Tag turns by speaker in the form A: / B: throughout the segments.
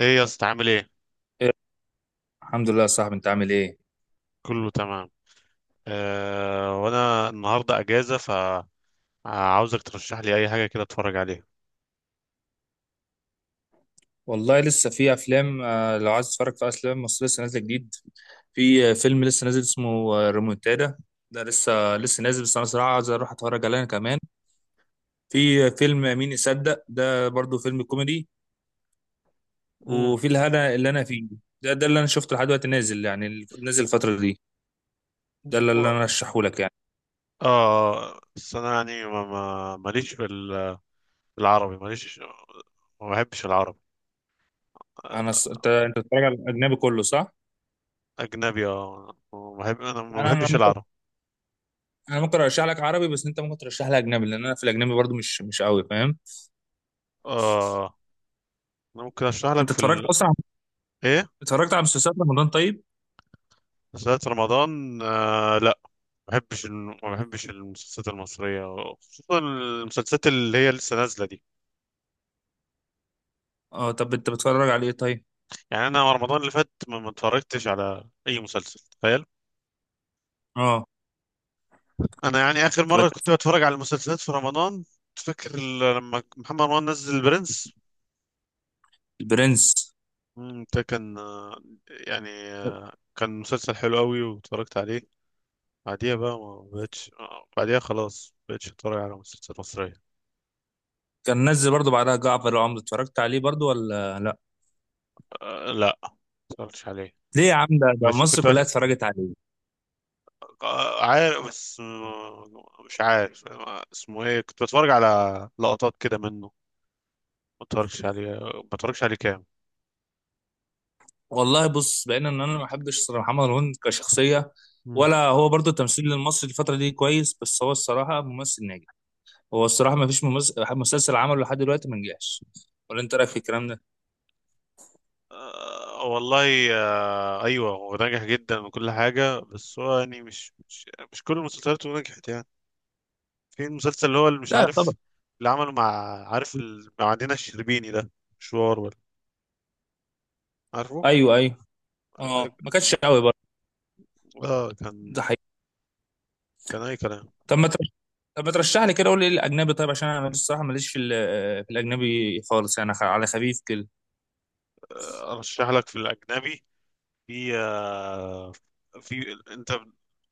A: ايه يا اسطى عامل ايه؟
B: إيه، الحمد لله يا صاحبي، انت عامل ايه؟
A: كله تمام. آه وانا النهارده اجازه، فعاوزك ترشح لي اي حاجه كده اتفرج عليها.
B: والله لسه في افلام، لو عايز تتفرج في افلام مصريه لسه نازله جديد. في فيلم لسه نازل اسمه ريمونتادا. ده لسه نازل، بس انا صراحه عايز اروح اتفرج عليه انا كمان. في فيلم مين يصدق، ده برضو فيلم كوميدي.
A: امم
B: وفي الهنا اللي انا فيه. ده اللي انا شفته لحد دلوقتي نازل، يعني اللي نازل الفتره دي. ده اللي
A: و-.
B: انا ارشحه لك يعني.
A: اه بس انا يعني ماليش في ال-، في العربي ماليش. ما بحبش العربي. آه،
B: انت بتتفرج على الاجنبي كله صح؟
A: اجنبي اه، ما بحب، انا ما
B: انا انا
A: بحبش
B: ممكن
A: العربي.
B: انا ممكن ارشح لك عربي، بس انت ممكن ترشح لي اجنبي، لان انا في الاجنبي برضو مش قوي فاهم.
A: اه انا ممكن اشرح لك
B: انت
A: في
B: اتفرجت
A: ال...
B: اصلا؟
A: ايه.
B: اتفرجت على مسلسلات رمضان طيب؟
A: مسلسلات رمضان آه لا، ما بحبش ما بحبش المسلسلات المصريه، خصوصا المسلسلات اللي هي لسه نازله دي.
B: اه، طب انت بتتفرج على ايه طيب؟
A: يعني انا رمضان اللي فات ما اتفرجتش على اي مسلسل، تخيل.
B: اه
A: انا يعني اخر
B: طب
A: مره
B: انت-
A: كنت بتفرج على المسلسلات في رمضان. تفكر ال-، لما محمد رمضان نزل البرنس.
B: البرنس.
A: ده كان يعني كان مسلسل حلو قوي واتفرجت عليه. بعديها بقى ما بقتش، بعديها خلاص ما بقتش اتفرج على مسلسلات مصريه.
B: كان نزل برضو بعدها جعفر العمدة، اتفرجت عليه برضو ولا لا؟
A: أه لا، ما اتفرجتش عليه.
B: ليه يا عم، ده
A: بشوف،
B: مصر كلها اتفرجت عليه.
A: عارف بس، مش عارف اسمه ايه، كنت بتفرج على لقطات كده منه. ما اتفرجش عليه، ما اتفرجش عليه كام.
B: والله بص، بقينا ان انا ما بحبش صراحة محمد رمضان كشخصية، ولا هو برضو التمثيل المصري الفترة دي كويس، بس هو الصراحة ممثل ناجح. هو الصراحة ما فيش ممثل مسلسل عمله لحد دلوقتي ما نجحش. ولا انت رايك في الكلام ده؟
A: والله ايوه، هو ناجح جدا وكل حاجه، بس هو يعني مش كل المسلسلات نجحت يعني. في المسلسل اللي هو اللي مش
B: لا
A: عارف
B: طبعا.
A: اللي عمله مع، عارف ال- مع دينا الشربيني ده، مشوار ولا، عارفه.
B: ايوه ايوه. اه، ما كانش قوي برضو.
A: ده كان،
B: ده حقيقي.
A: كان اي كلام.
B: طب ما طب ما ترشح لي كده، قول لي ايه الاجنبي طيب، عشان انا الصراحه ماليش في في الاجنبي خالص، يعني على خفيف كده.
A: ارشح لك في الاجنبي. في في انت،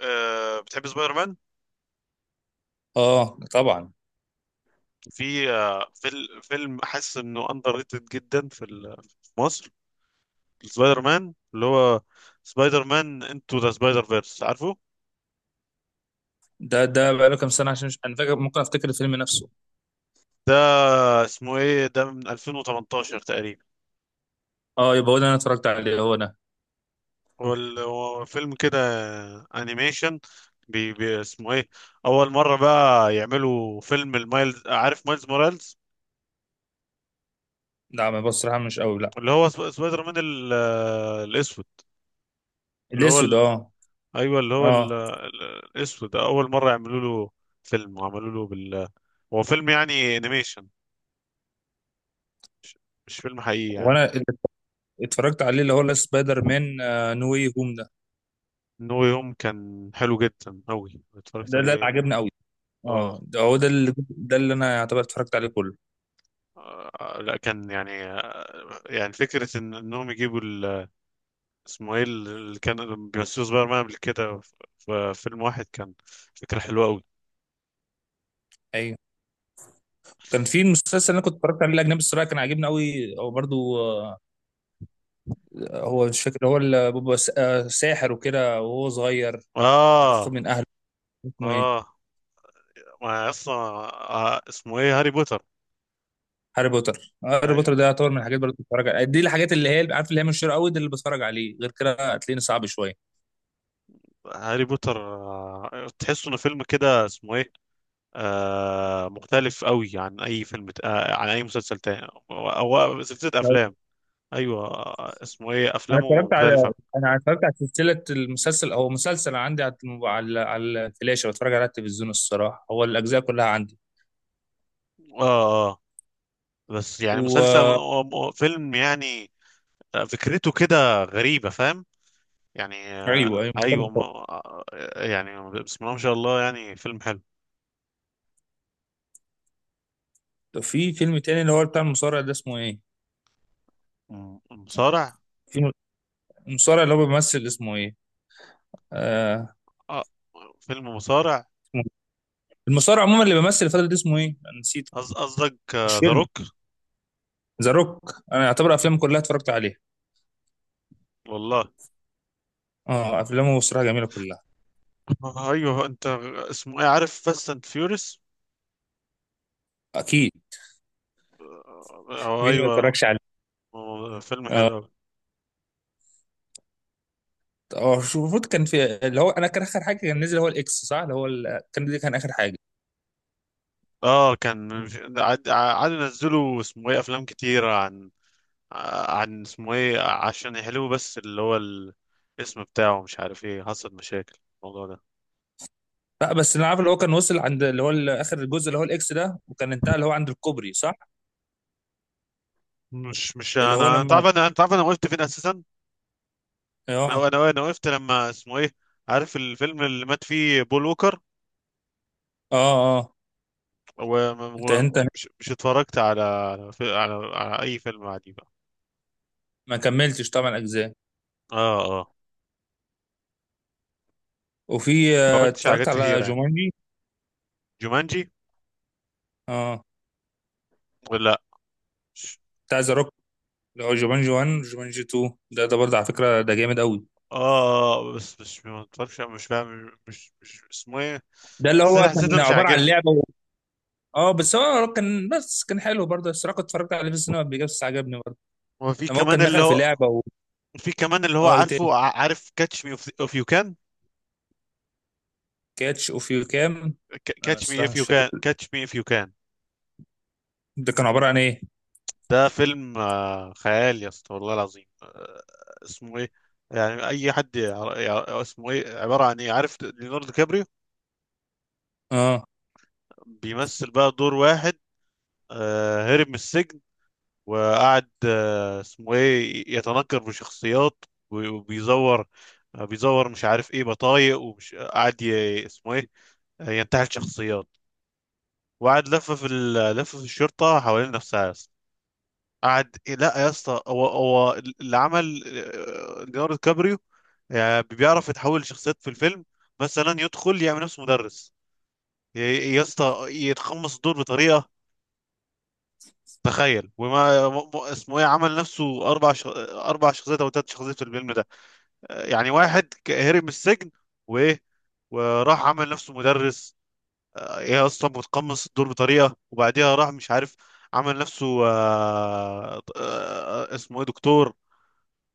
A: بتحب سبايدر مان؟
B: اه طبعا.
A: في فيلم حاسس انه اندر ريتد جدا في ال-، في مصر. سبايدر مان اللي هو، سبايدر مان انتو ذا سبايدر فيرس، عارفه؟
B: ده بقاله كام سنه، عشان مش انا فاكر، ممكن افتكر الفيلم نفسه.
A: ده اسمه ايه ده، من 2018 تقريبا.
B: اه، يبقى هو ده انا اتفرجت عليه، هو ده.
A: هو ال-، هو فيلم كده انيميشن، بي اسمه ايه، اول مره بقى يعملوا فيلم المايلز، عارف مايلز مورالز؟
B: لا، ما بص صراحه، مش قوي لا.
A: اللي هو سبايدر مان ال-، الاسود، اللي هو
B: الاسود
A: ال...
B: اه.
A: ايوه اللي هو ال...،
B: اه،
A: ال- الاسود ده، اول مره يعملوا له فيلم، وعملوا له بال، هو فيلم يعني انيميشن، مش فيلم حقيقي يعني.
B: وانا اللي اتفرجت عليه اللي هو لا، سبايدر مان نو واي هوم ده.
A: نو يوم كان حلو جدا أوي،
B: ده
A: اتفرجت
B: ده اللي
A: عليه.
B: عجبني قوي.
A: اه،
B: اه، ده هو ده اللي انا يعتبر اتفرجت عليه كله.
A: لا، كان يعني يعني فكرة إنهم يجيبوا ال-، اسمه إيه اللي كان بيمثلوا سبايدر مان قبل كده، في في فيلم واحد، كان فكرة حلوة أوي.
B: ايوه. كان في مسلسل انا كنت اتفرجت عليه الاجنبي الصراحه، كان عاجبني قوي او برضو، هو مش فاكر، هو اللي بيبقى ساحر وكده وهو صغير، او باخد
A: آه.
B: من اهله. اسمه ايه؟
A: آه ما أصلا، اسمه إيه، هاري بوتر.
B: هاري بوتر. هاري
A: أي-،
B: بوتر ده يعتبر من الحاجات برضه بتفرج عليها دي، الحاجات اللي هي عارف اللي هي من الشر قوي دي اللي بتفرج عليه، غير كده هتلاقيني صعب شويه.
A: هاري بوتر تحسه إنه فيلم كده اسمه إيه، آه مختلف أوي عن أي فيلم عن أي مسلسل تاني، أو أو سلسلة
B: لو-
A: أفلام. ايوه، اسمه ايه، افلامه مختلفه.
B: انا اتفرجت على سلسله المسلسل. هو مسلسل عندي على على الفلاشه، بتفرج على التلفزيون الصراحه، هو الاجزاء كلها عندي.
A: اه. آه. بس يعني مسلسل
B: و
A: فيلم يعني، فكرته كده غريبه، فاهم؟ يعني
B: ايوه ايوه،
A: ايوه
B: مختلف خالص.
A: يعني بسم الله ما شاء الله، يعني فيلم حلو.
B: في فيلم تاني اللي هو بتاع المصارع ده اسمه ايه؟
A: مصارع.
B: في م- المصارع اللي هو بيمثل اسمه ايه؟ آه.
A: آه فيلم مصارع.
B: المصارع عموما اللي بيمثل الفترة دي اسمه ايه؟ انا نسيت.
A: قصدك
B: مش
A: ذا
B: فيلم.
A: روك؟
B: ذا روك انا اعتبر افلامه كلها اتفرجت عليها.
A: والله.
B: اه، افلامه بصراحة جميلة كلها.
A: ايوه انت، اسمه ايه، عارف فاست اند فيوريس؟
B: اكيد.
A: اه
B: مين ما
A: ايوه.
B: اتفرجش عليه.
A: فيلم
B: اه،
A: حلو أوي.
B: هو المفروض كان في اللي هو انا كان اخر حاجة كان نزل هو الاكس، صح؟ اللي هو كان دي كان اخر حاجة.
A: اه كان، عاد عاد نزلوا اسمه ايه، افلام كتيره عن عن اسمه ايه، عشان يحلوه، بس اللي هو ال-، الاسم بتاعه مش عارف ايه، حصل مشاكل الموضوع ده.
B: لا، بس انا عارف اللي هو كان وصل عند اللي هو اخر الجزء اللي هو الاكس ده، وكان انتهى اللي هو عند الكوبري صح؟
A: مش
B: اللي هو
A: انا، انت عارف
B: لما
A: انا، انت عارف انا وقفت فين اساسا. انا
B: اه.
A: انا انا وقفت لما اسمه ايه، عارف الفيلم اللي مات فيه بول ووكر؟
B: اه اه. انت
A: ومش مش اتفرجت على على اي فيلم عادي بقى.
B: ما كملتش طبعا اجزاء.
A: اه اه.
B: وفي
A: اتفرجتش على حاجات
B: اتفرجت على
A: كتيرة يعني.
B: جومانجي.
A: جومانجي
B: اه،
A: ولا لا، مش-
B: بتاع ذا روك، اللي هو جومانجي 1 جومانجي 2. ده برضه على فكره، ده جامد قوي.
A: اه بس مش، ما اتفرجش، مش فاهم مش اسمه ايه.
B: ده اللي هو
A: حسيته
B: كان
A: مش
B: عباره عن
A: عاجبني.
B: لعبه و... اه بس هو كان، بس كان حلو برضه الصراحه، كنت اتفرجت عليه في السينما قبل كده بس عجبني برضه.
A: وفي
B: لما هو
A: كمان
B: كان
A: اللي
B: دخل في
A: هو،
B: لعبه و...
A: في كمان اللي هو
B: اه ايه
A: عارفه،
B: تاني؟
A: عارف كاتش مي اوف يو كان؟
B: كاتش اوف يو كام. انا
A: كاتش مي
B: الصراحه
A: اف
B: مش
A: يو
B: فاكر.
A: كان كاتش مي اف يو كان
B: ده كان عباره عن ايه؟
A: ده فيلم خيال يا اسطى، والله العظيم. اسمه ايه، يعني اي حد اسمه ايه، عباره عن ايه، عارف ليوناردو كابريو؟
B: اه،
A: بيمثل بقى دور واحد هرب من السجن، وقعد اسمه ايه، يتنكر بشخصيات وبيزور بيزور مش عارف ايه بطايق، ومش قاعد اسمه ايه، ينتحل شخصيات. وقعد لف في ال-، لف في الشرطه حوالين نفسها يا اسطى. قعد، لا يا اسطى، هو اللي عمل، ليوناردو كابريو يعني بيعرف يتحول لشخصيات في الفيلم. مثلا يدخل يعمل نفسه مدرس، يا اسطى، يتقمص الدور بطريقه، تخيل. وما اسمه ايه، عمل نفسه اربع ش...، اربع شخصيات او ثلاث شخصيات في الفيلم ده. يعني واحد هرب من السجن، وايه، وراح عمل نفسه مدرس، هي اصلا بتقمص الدور بطريقه. وبعديها راح مش عارف، عمل نفسه اسمه ايه دكتور،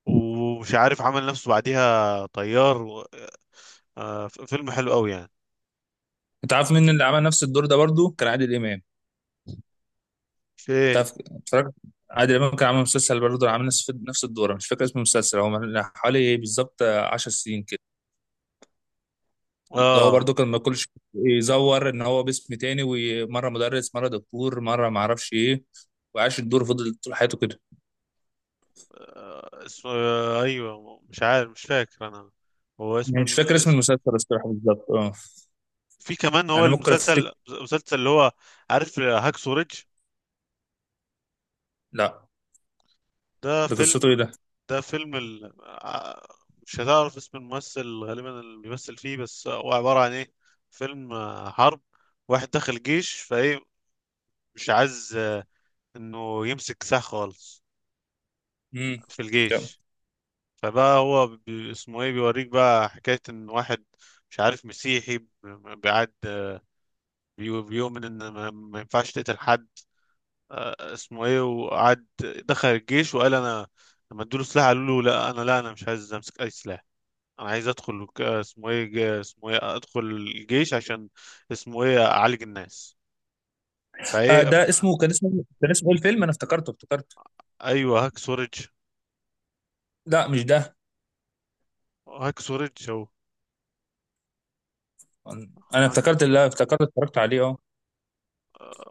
A: ومش عارف عمل نفسه بعديها طيار و-، فيلم حلو قوي يعني.
B: انت عارف مين اللي عمل نفس الدور ده برضه؟ كان عادل امام.
A: في ايه.
B: تعرف اتفرجت. عادل امام كان عامل مسلسل برضه، عامل نفس الدور. أنا مش فاكر اسم المسلسل، هو من حوالي إيه بالظبط 10 سنين. اللي هو
A: اه
B: برضو كان ما كلش يزور ان هو باسم تاني، ومره مدرس، مره دكتور، مره ما اعرفش ايه، وعاش الدور، فضل طول حياته كده.
A: اسمه ايوه مش عارف، مش فاكر انا. هو اسم
B: انا مش فاكر اسم
A: الاسم-.
B: المسلسل الصراحه بالظبط، اه.
A: في كمان هو
B: انا ممكن افتكر.
A: المسلسل اللي هو، عارف هاكسو ريدج؟
B: لا.
A: ده
B: ده
A: فيلم.
B: قصته ايه ده؟
A: ده فيلم ال... مش هتعرف اسم الممثل غالبا اللي بيمثل فيه، بس هو عبارة عن ايه، فيلم حرب. واحد دخل الجيش فايه، مش عايز انه يمسك سلاح خالص
B: امم.
A: في
B: تمام.
A: الجيش. فبقى هو بي...، اسمه ايه، بيوريك بقى حكاية ان واحد، مش عارف مسيحي بيعد، بي... بيؤمن ان ما... ما ينفعش تقتل حد. اسمه ايه، وقعد دخل الجيش وقال انا، لما ادوله سلاح قالوا له لا، انا لا، انا مش عايز امسك اي سلاح. انا عايز ادخل اسمه ايه اسمه ايه، ادخل الجيش عشان اسمه ايه، اعالج الناس.
B: آه،
A: فايه ف....
B: ده اسمه ايه الفيلم، انا افتكرته.
A: ايوه هاك سورج.
B: لا، مش ده.
A: هاك سورج او
B: انا
A: هاك.
B: افتكرت اتفرجت عليه اه،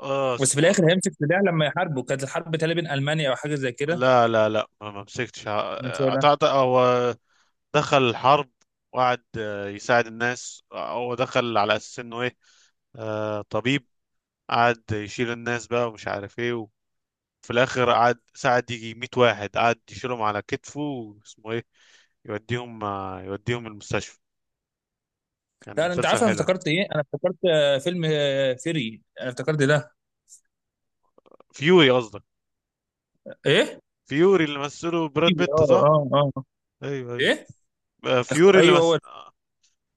A: اه
B: بس في
A: اسمه إيه،
B: الاخر هيمسك سلاح لما يحاربوا. كانت الحرب تقريبا بين المانيا او حاجه زي كده.
A: لا لا لا، ما ما مسكتش
B: أنا مش فاكر ده.
A: أعتقد هو دخل الحرب، وقعد يساعد الناس. هو دخل على اساس انه ايه، آه طبيب. قعد يشيل الناس بقى ومش عارف ايه، وفي الاخر قعد ساعد، يجي 100 واحد قعد يشيلهم على كتفه، واسمه ايه يوديهم يوديهم المستشفى. كان
B: لا، انت
A: مسلسل
B: عارف انا
A: حلو.
B: افتكرت ايه؟ انا افتكرت، فيلم، فيري، انا افتكرت ده.
A: فيوري قصدك؟
B: ايه.
A: فيوري اللي مثله براد
B: فيوري
A: بيت
B: اه
A: صح؟
B: اه. اه
A: ايوه ايوه.
B: ايه.
A: فيوري اللي
B: ايوه
A: مثل.
B: هو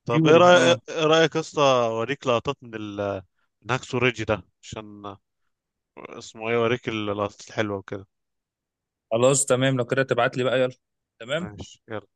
A: طب ايه
B: فيوري
A: رايك،
B: اه.
A: ايه رايك يا اسطى، اوريك لقطات من ال، من هاكسو ريدج ده، عشان اسمه ايه، اوريك اللقطات الحلوه وكده.
B: خلاص تمام، لو كده تبعت لي بقى يلا. تمام.
A: ماشي يلا.